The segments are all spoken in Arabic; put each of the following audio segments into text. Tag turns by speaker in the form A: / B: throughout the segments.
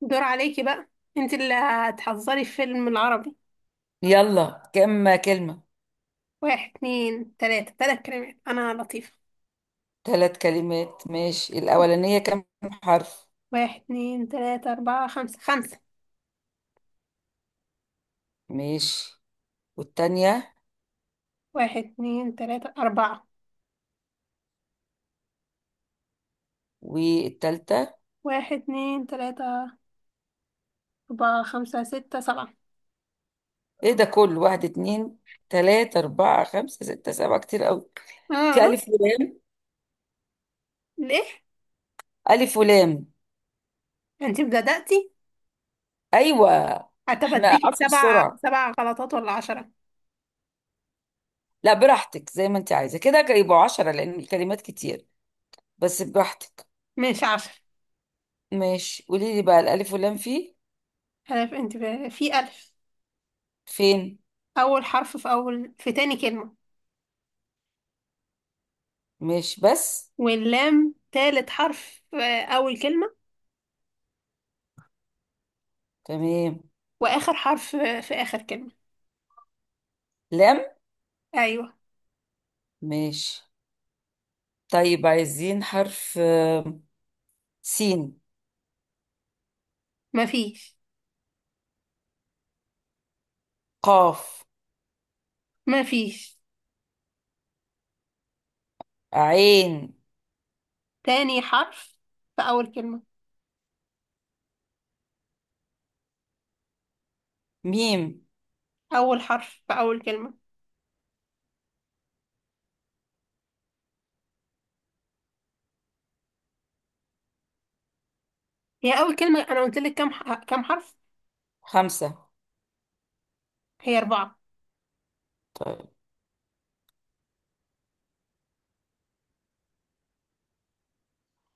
A: دور عليكي بقى. انت اللي هتحضري الفيلم العربي.
B: يلا كم كلمة؟
A: واحد اتنين تلاتة، تلات كلمات. انا لطيفة.
B: ثلاث كلمات، ماشي. الأولانية كم حرف؟
A: واحد اتنين تلاتة اربعة خمسة، خمسة.
B: ماشي. والتانية؟
A: واحد اتنين تلاتة اربعة.
B: والتالتة؟
A: واحد اتنين تلاتة اربعة خمسة ستة سبعة.
B: ايه ده كله؟ واحد اتنين تلاتة أربعة خمسة ستة سبعة، كتير أوي. في
A: اه.
B: ألف ولام؟
A: ليه؟
B: ألف ولام.
A: انت بدأتي.
B: أيوة. احنا
A: هتفديكي
B: عارفين
A: سبع
B: بسرعة.
A: سبع غلطات ولا عشرة؟
B: لا براحتك، زي ما انت عايزة، كده كده يبقوا 10 لأن الكلمات كتير. بس براحتك.
A: مش عشرة.
B: ماشي، قولي لي بقى الألف ولام فيه
A: هدف. انت في الف.
B: فين.
A: اول حرف في اول، في تاني كلمة.
B: ماشي. بس
A: واللام تالت حرف في اول كلمة.
B: تمام.
A: واخر حرف في اخر كلمة.
B: لام.
A: ايوه.
B: ماشي. طيب عايزين حرف. سين.
A: مفيش.
B: قاف.
A: مفيش.
B: عين.
A: تاني حرف في اول كلمة.
B: ميم.
A: اول حرف في اول كلمة. هي اول كلمة انا قلت لك كام كام حرف؟
B: خمسة.
A: هي اربعة.
B: طيب.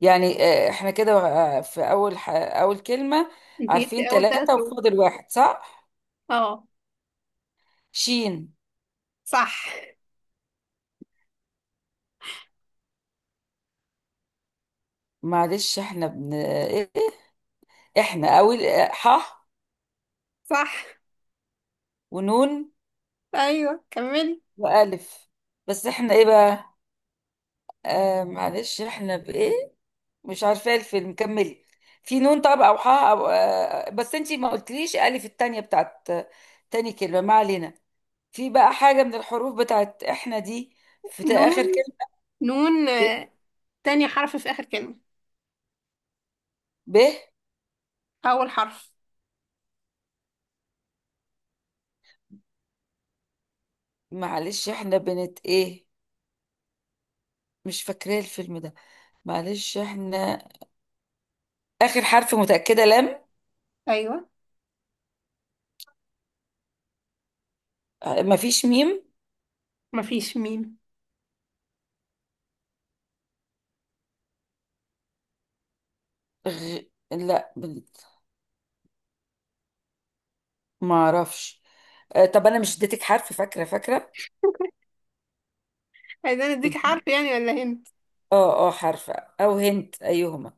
B: يعني احنا كده. في أول أول كلمة.
A: انت جبت
B: عارفين
A: اول ثلاث
B: ثلاثة
A: حروف
B: وفاضل واحد، صح؟
A: اه.
B: شين.
A: صح.
B: معلش احنا إيه؟ احنا أول ح
A: صح.
B: ونون
A: ايوه كملي.
B: وألف. بس احنا ايه بقى؟ آه، معلش احنا بإيه؟ مش عارفة إيه الفيلم، كملي. في نون؟ طب أو حاء؟ أو بس أنتي ما قلتليش ألف التانية بتاعت تاني كلمة. ما علينا. في بقى حاجة من الحروف بتاعت إحنا دي في
A: نون،
B: آخر كلمة؟
A: نون
B: ب
A: آه،. تاني حرف في اخر كلمة.
B: ب
A: اول حرف.
B: معلش إحنا بنت إيه؟ مش فاكرة الفيلم ده. معلش إحنا. آخر حرف متأكدة لام.
A: ايوه.
B: مفيش ميم.
A: مفيش ميم.
B: غ... لا بنت. ما أعرفش. طب أنا مش اديتك حرف؟ فاكرة.
A: عايزين اديك حرف يعني ولا هنا؟
B: اه اه حرف، أو هنت أيهما.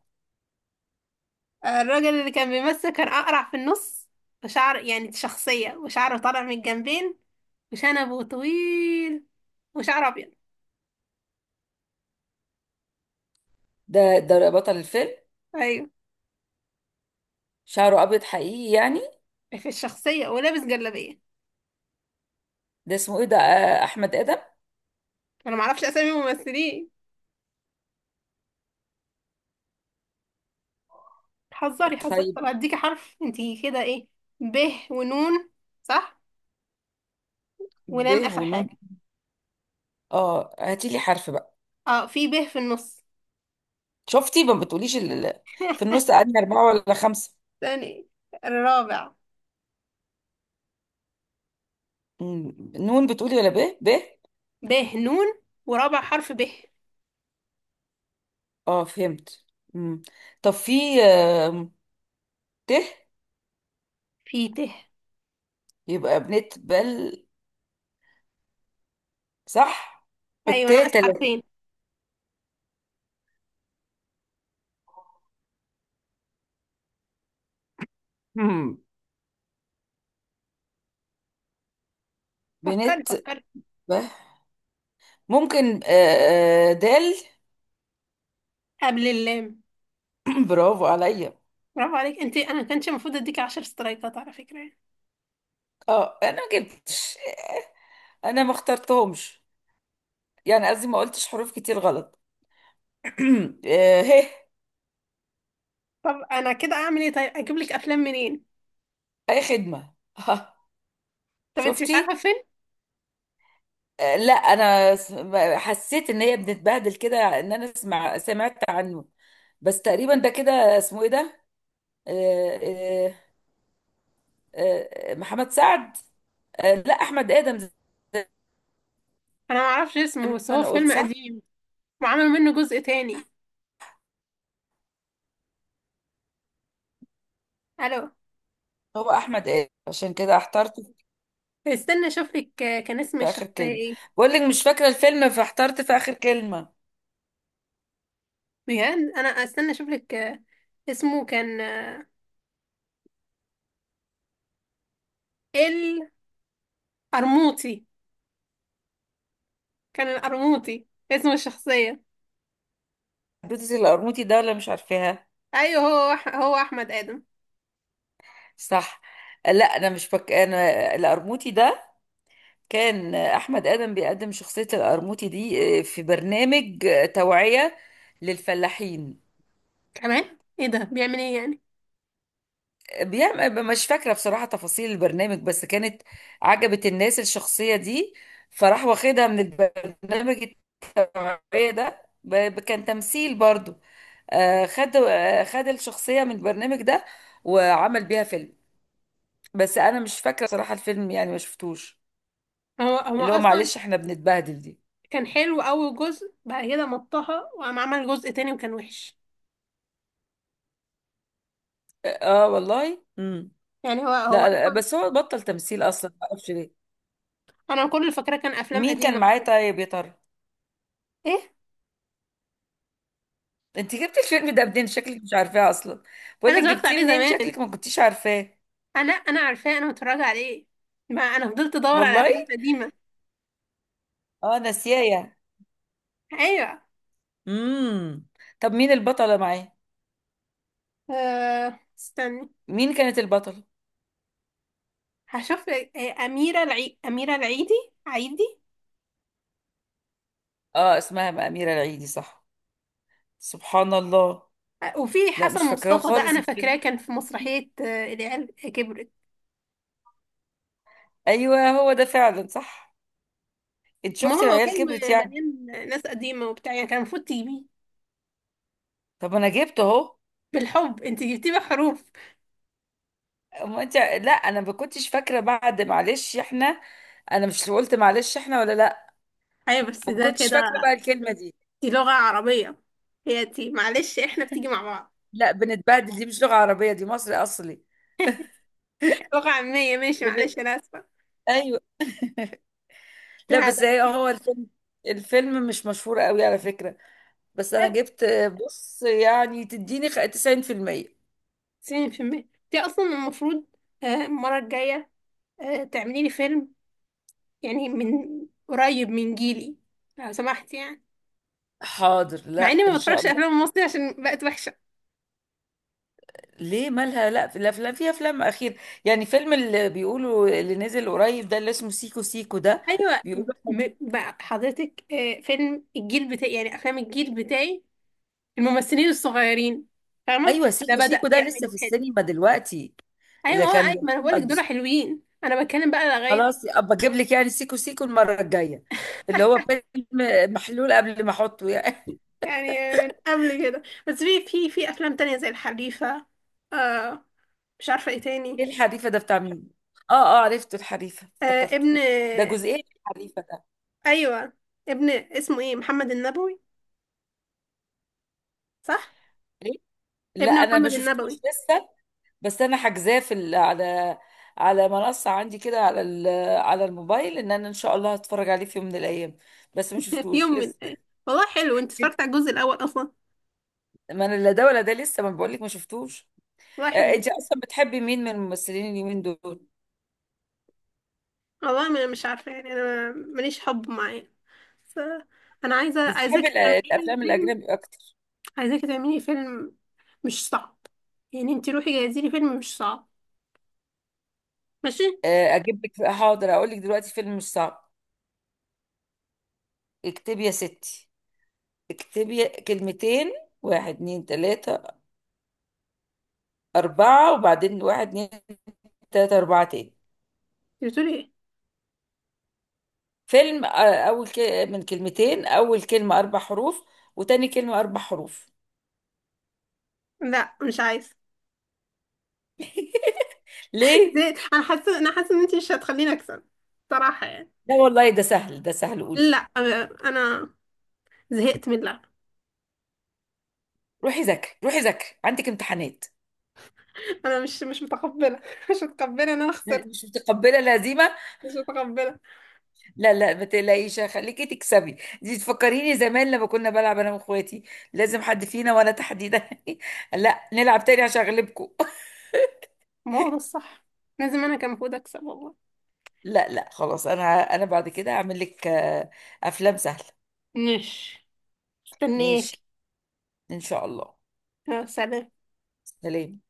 A: الراجل اللي كان بيمثل كان أقرع في النص، وشعر يعني شخصية وشعره طالع من الجنبين، وشنبه طويل، وشعره أبيض.
B: ده ده بطل الفيلم.
A: أيوة،
B: شعره ابيض حقيقي يعني؟
A: في الشخصية، ولابس جلابية.
B: ده اسمه ايه ده؟ احمد ادم.
A: أنا معرفش أسامي الممثلين. حذري حذري.
B: طيب.
A: طب هديكي حرف انتي كده، ايه؟ ب ونون. صح.
B: ب
A: ولام آخر
B: ونون.
A: حاجة.
B: اه هاتي لي حرف بقى.
A: اه، في ب في النص.
B: شفتي ما بتقوليش في النص قعدنا اربعه ولا خمسه.
A: تاني. الرابع.
B: مم. نون بتقولي ولا ب؟
A: ب نون ورابع حرف ب.
B: اه فهمت. مم. طب في، آم، ت؟
A: في ت.
B: يبقى بنت بل، صح؟ الت
A: أيوة، ناقص
B: تلاتة.
A: حرفين.
B: مم.
A: فكري
B: بنت.
A: فكري.
B: ب. ممكن دال.
A: قبل اللام.
B: برافو عليا.
A: برافو عليك. انت انا كانش المفروض اديك 10 سترايكات على فكره يعني.
B: اه انا ما جبتش. انا ما اخترتهمش، يعني قصدي ما قلتش حروف كتير غلط. هه.
A: طب انا كده اعمل ايه؟ طيب اجيب لك افلام منين؟
B: اي خدمة، ها.
A: طب انت مش عارفه
B: شفتي.
A: فيلم؟
B: لا حسيت ان هي بتتبهدل كده، ان انا اسمع سمعت عنه. بس تقريبا ده كده اسمه ايه ده؟ آه، آه، محمد سعد. لا احمد ادم زي
A: انا ما اعرفش اسمه،
B: ما
A: بس هو
B: انا قلت،
A: فيلم
B: صح.
A: قديم وعملوا منه جزء تاني. الو؟
B: هو احمد ادم عشان كده احترت
A: استنى اشوف لك كان اسم
B: في اخر
A: الشخصيه
B: كلمة.
A: ايه.
B: بقول لك مش فاكرة الفيلم فاحترت في اخر كلمة.
A: بجد، انا استنى اشوف لك اسمه كان القرموطي. كان القرموطي اسم الشخصيه.
B: حبيبتي القرموطي ده ولا مش عارفاها.
A: ايوه، هو احمد ادم.
B: صح. لا انا مش انا القرموطي ده كان احمد ادم بيقدم شخصية القرموطي دي في برنامج توعية للفلاحين.
A: كمان ايه ده؟ بيعمل ايه يعني؟
B: بيعمل مش فاكرة بصراحة تفاصيل البرنامج، بس كانت عجبت الناس الشخصية دي، فراح واخدها من البرنامج. التوعية ده كان تمثيل برضو. خد خد الشخصية من البرنامج ده وعمل بيها فيلم. بس انا مش فاكرة بصراحة الفيلم، يعني ما شفتوش.
A: هو
B: اللي هو
A: اصلا
B: معلش احنا بنتبهدل دي.
A: كان حلو أول جزء، بعد كده مطها وقام عمل جزء تاني وكان وحش.
B: اه والله. امم.
A: يعني هو
B: لا،
A: أصلا.
B: بس هو بطل تمثيل اصلا، ما اعرفش ليه.
A: أنا كل اللي فاكراه كان أفلام
B: مين كان
A: قديمة
B: معاه
A: أصلا.
B: طيب يا ترى؟
A: إيه؟
B: انت جبتي الفيلم ده منين؟ شكلك مش عارفاه اصلا. بقول
A: أنا
B: لك
A: اتفرجت
B: جبتيه
A: عليه
B: منين،
A: زمان.
B: شكلك ما كنتيش عارفاه.
A: أنا عارفاه، أنا متفرجة عليه. ما أنا فضلت أدور على
B: والله.
A: أفلام قديمة.
B: اه ناسياه يعني.
A: أيوه.
B: امم. طب مين البطله معاه؟
A: أه استني.
B: مين كانت البطله؟
A: هشوف لك- آه، أميرة العيدي. عيدي.
B: اه اسمها اميره العيدي، صح. سبحان الله.
A: وفي
B: لا
A: حسن
B: مش فاكراه
A: مصطفى، ده
B: خالص
A: أنا فاكراه
B: الفيلم.
A: كان في مسرحية العيال كبرت.
B: ايوه هو ده فعلا، صح. انت
A: ما
B: شفتي
A: هو
B: العيال
A: فيلم
B: كبرت يعني؟
A: مليان ناس قديمة وبتاع، يعني كان المفروض تجيبيه.
B: طب انا جبته اهو.
A: بالحب، انت جبتيه بحروف.
B: ما انت، لا انا ما كنتش فاكره. بعد معلش احنا، انا مش قلت معلش احنا ولا لا؟
A: ايوه بس
B: ما
A: ده
B: كنتش
A: كده.
B: فاكره بقى الكلمه دي.
A: دي لغة عربية. هي دي معلش احنا، بتيجي مع بعض.
B: لا بنتبهدل دي مش لغه عربيه، دي مصري اصلي.
A: لغة عامية، ماشي،
B: بن-
A: معلش انا اسفة.
B: ايوه. لا
A: ده
B: بس هي
A: بتيجي.
B: هو الفيلم، الفيلم مش مشهور قوي على فكره. بس انا جبت. بص يعني تديني 90%.
A: 90% دي اصلا المفروض. المرة الجاية تعملي لي فيلم، يعني من قريب من جيلي، لو سمحت يعني.
B: حاضر.
A: مع
B: لا
A: اني
B: ان
A: ما
B: شاء
A: بتفرجش
B: الله.
A: افلام مصري عشان بقت وحشة.
B: ليه؟ مالها؟ لا في الافلام، في افلام اخير. يعني فيلم اللي بيقولوا اللي نزل قريب ده اللي اسمه سيكو سيكو ده،
A: ايوه.
B: بيقولوا.
A: بقى حضرتك فيلم الجيل بتاعي، يعني افلام الجيل بتاعي، الممثلين الصغيرين، فاهمة؟
B: ايوه
A: ده
B: سيكو
A: بدأ
B: سيكو ده لسه
A: يعملوا
B: في
A: كده.
B: السينما دلوقتي.
A: ايوه ما
B: اللي
A: هو
B: كان.
A: ايوه، ما انا بقولك دول حلوين، انا بتكلم بقى لغايه
B: خلاص ابقى اجيب لك يعني سيكو سيكو المره الجايه، اللي هو فيلم محلول قبل ما احطه يعني.
A: يعني من قبل كده. بس في في افلام تانية زي الحريفه. آه. مش عارفه ايه تاني.
B: ايه الحريفه ده بتاع مين؟ اه اه عرفته الحريفه
A: آه،
B: افتكرته.
A: ابن.
B: ده جزئين الحريفه ده.
A: ايوه، ابن اسمه ايه، محمد النبوي. صح.
B: ليه؟ لا
A: ابن
B: انا ما
A: محمد
B: شفتوش
A: النبوي.
B: لسه. بس انا حاجزاه في على على منصه عندي كده على على الموبايل، ان انا ان شاء الله هتفرج عليه في يوم من الايام. بس ما شفتوش
A: يوم من
B: لسه.
A: ايه! والله حلو. انت اتفرجت على الجزء الاول اصلا؟
B: ما انا لا ده ولا ده لسه، ما بقولك ما شفتوش.
A: والله حلو.
B: انت اصلا بتحبي مين من الممثلين اليومين دول؟
A: والله ما مش عارفه يعني. انا ماليش حب معاه، بس انا عايزه،
B: بتحبي
A: عايزاكي تعملي لي
B: الافلام
A: فيلم.
B: الاجنبي اكتر؟
A: عايزاكي تعملي لي فيلم مش صعب. يعني انت روحي جهزي لي فيلم مش صعب. ماشي.
B: اجيب لك حاضر، اقول لك دلوقتي فيلم مش صعب. اكتبي يا ستي، اكتبي كلمتين. واحد اتنين تلاتة أربعة، وبعدين واحد اتنين تلاتة أربعة تاني.
A: بتقولي ايه؟
B: فيلم أول من كلمتين، أول كلمة 4 حروف وتاني كلمة 4 حروف.
A: لا مش عايزه.
B: ليه؟
A: زي. انا حاسه ان انت مش هتخليني اكسب. صراحه يعني.
B: لا والله ده سهل ده سهل، قولي.
A: لا أنا... انا زهقت من اللعب.
B: روحي ذاكري، روحي ذاكري عندك امتحانات.
A: انا مش متقبله. مش متقبله ان انا خسرت.
B: مش متقبلة الهزيمة.
A: مش متقبله.
B: لا لا ما تقلقيش، خليكي تكسبي. دي تفكريني زمان لما كنا بلعب انا واخواتي، لازم حد فينا وانا تحديدا لا نلعب تاني عشان اغلبكم.
A: ما هو ده الصح، لازم انا كان المفروض اكسب، والله.
B: لا لا خلاص، انا انا بعد كده هعمل لك افلام سهله.
A: ماشي.
B: ماشي.
A: استنيك.
B: ان شاء الله.
A: يا سلام.
B: سلام.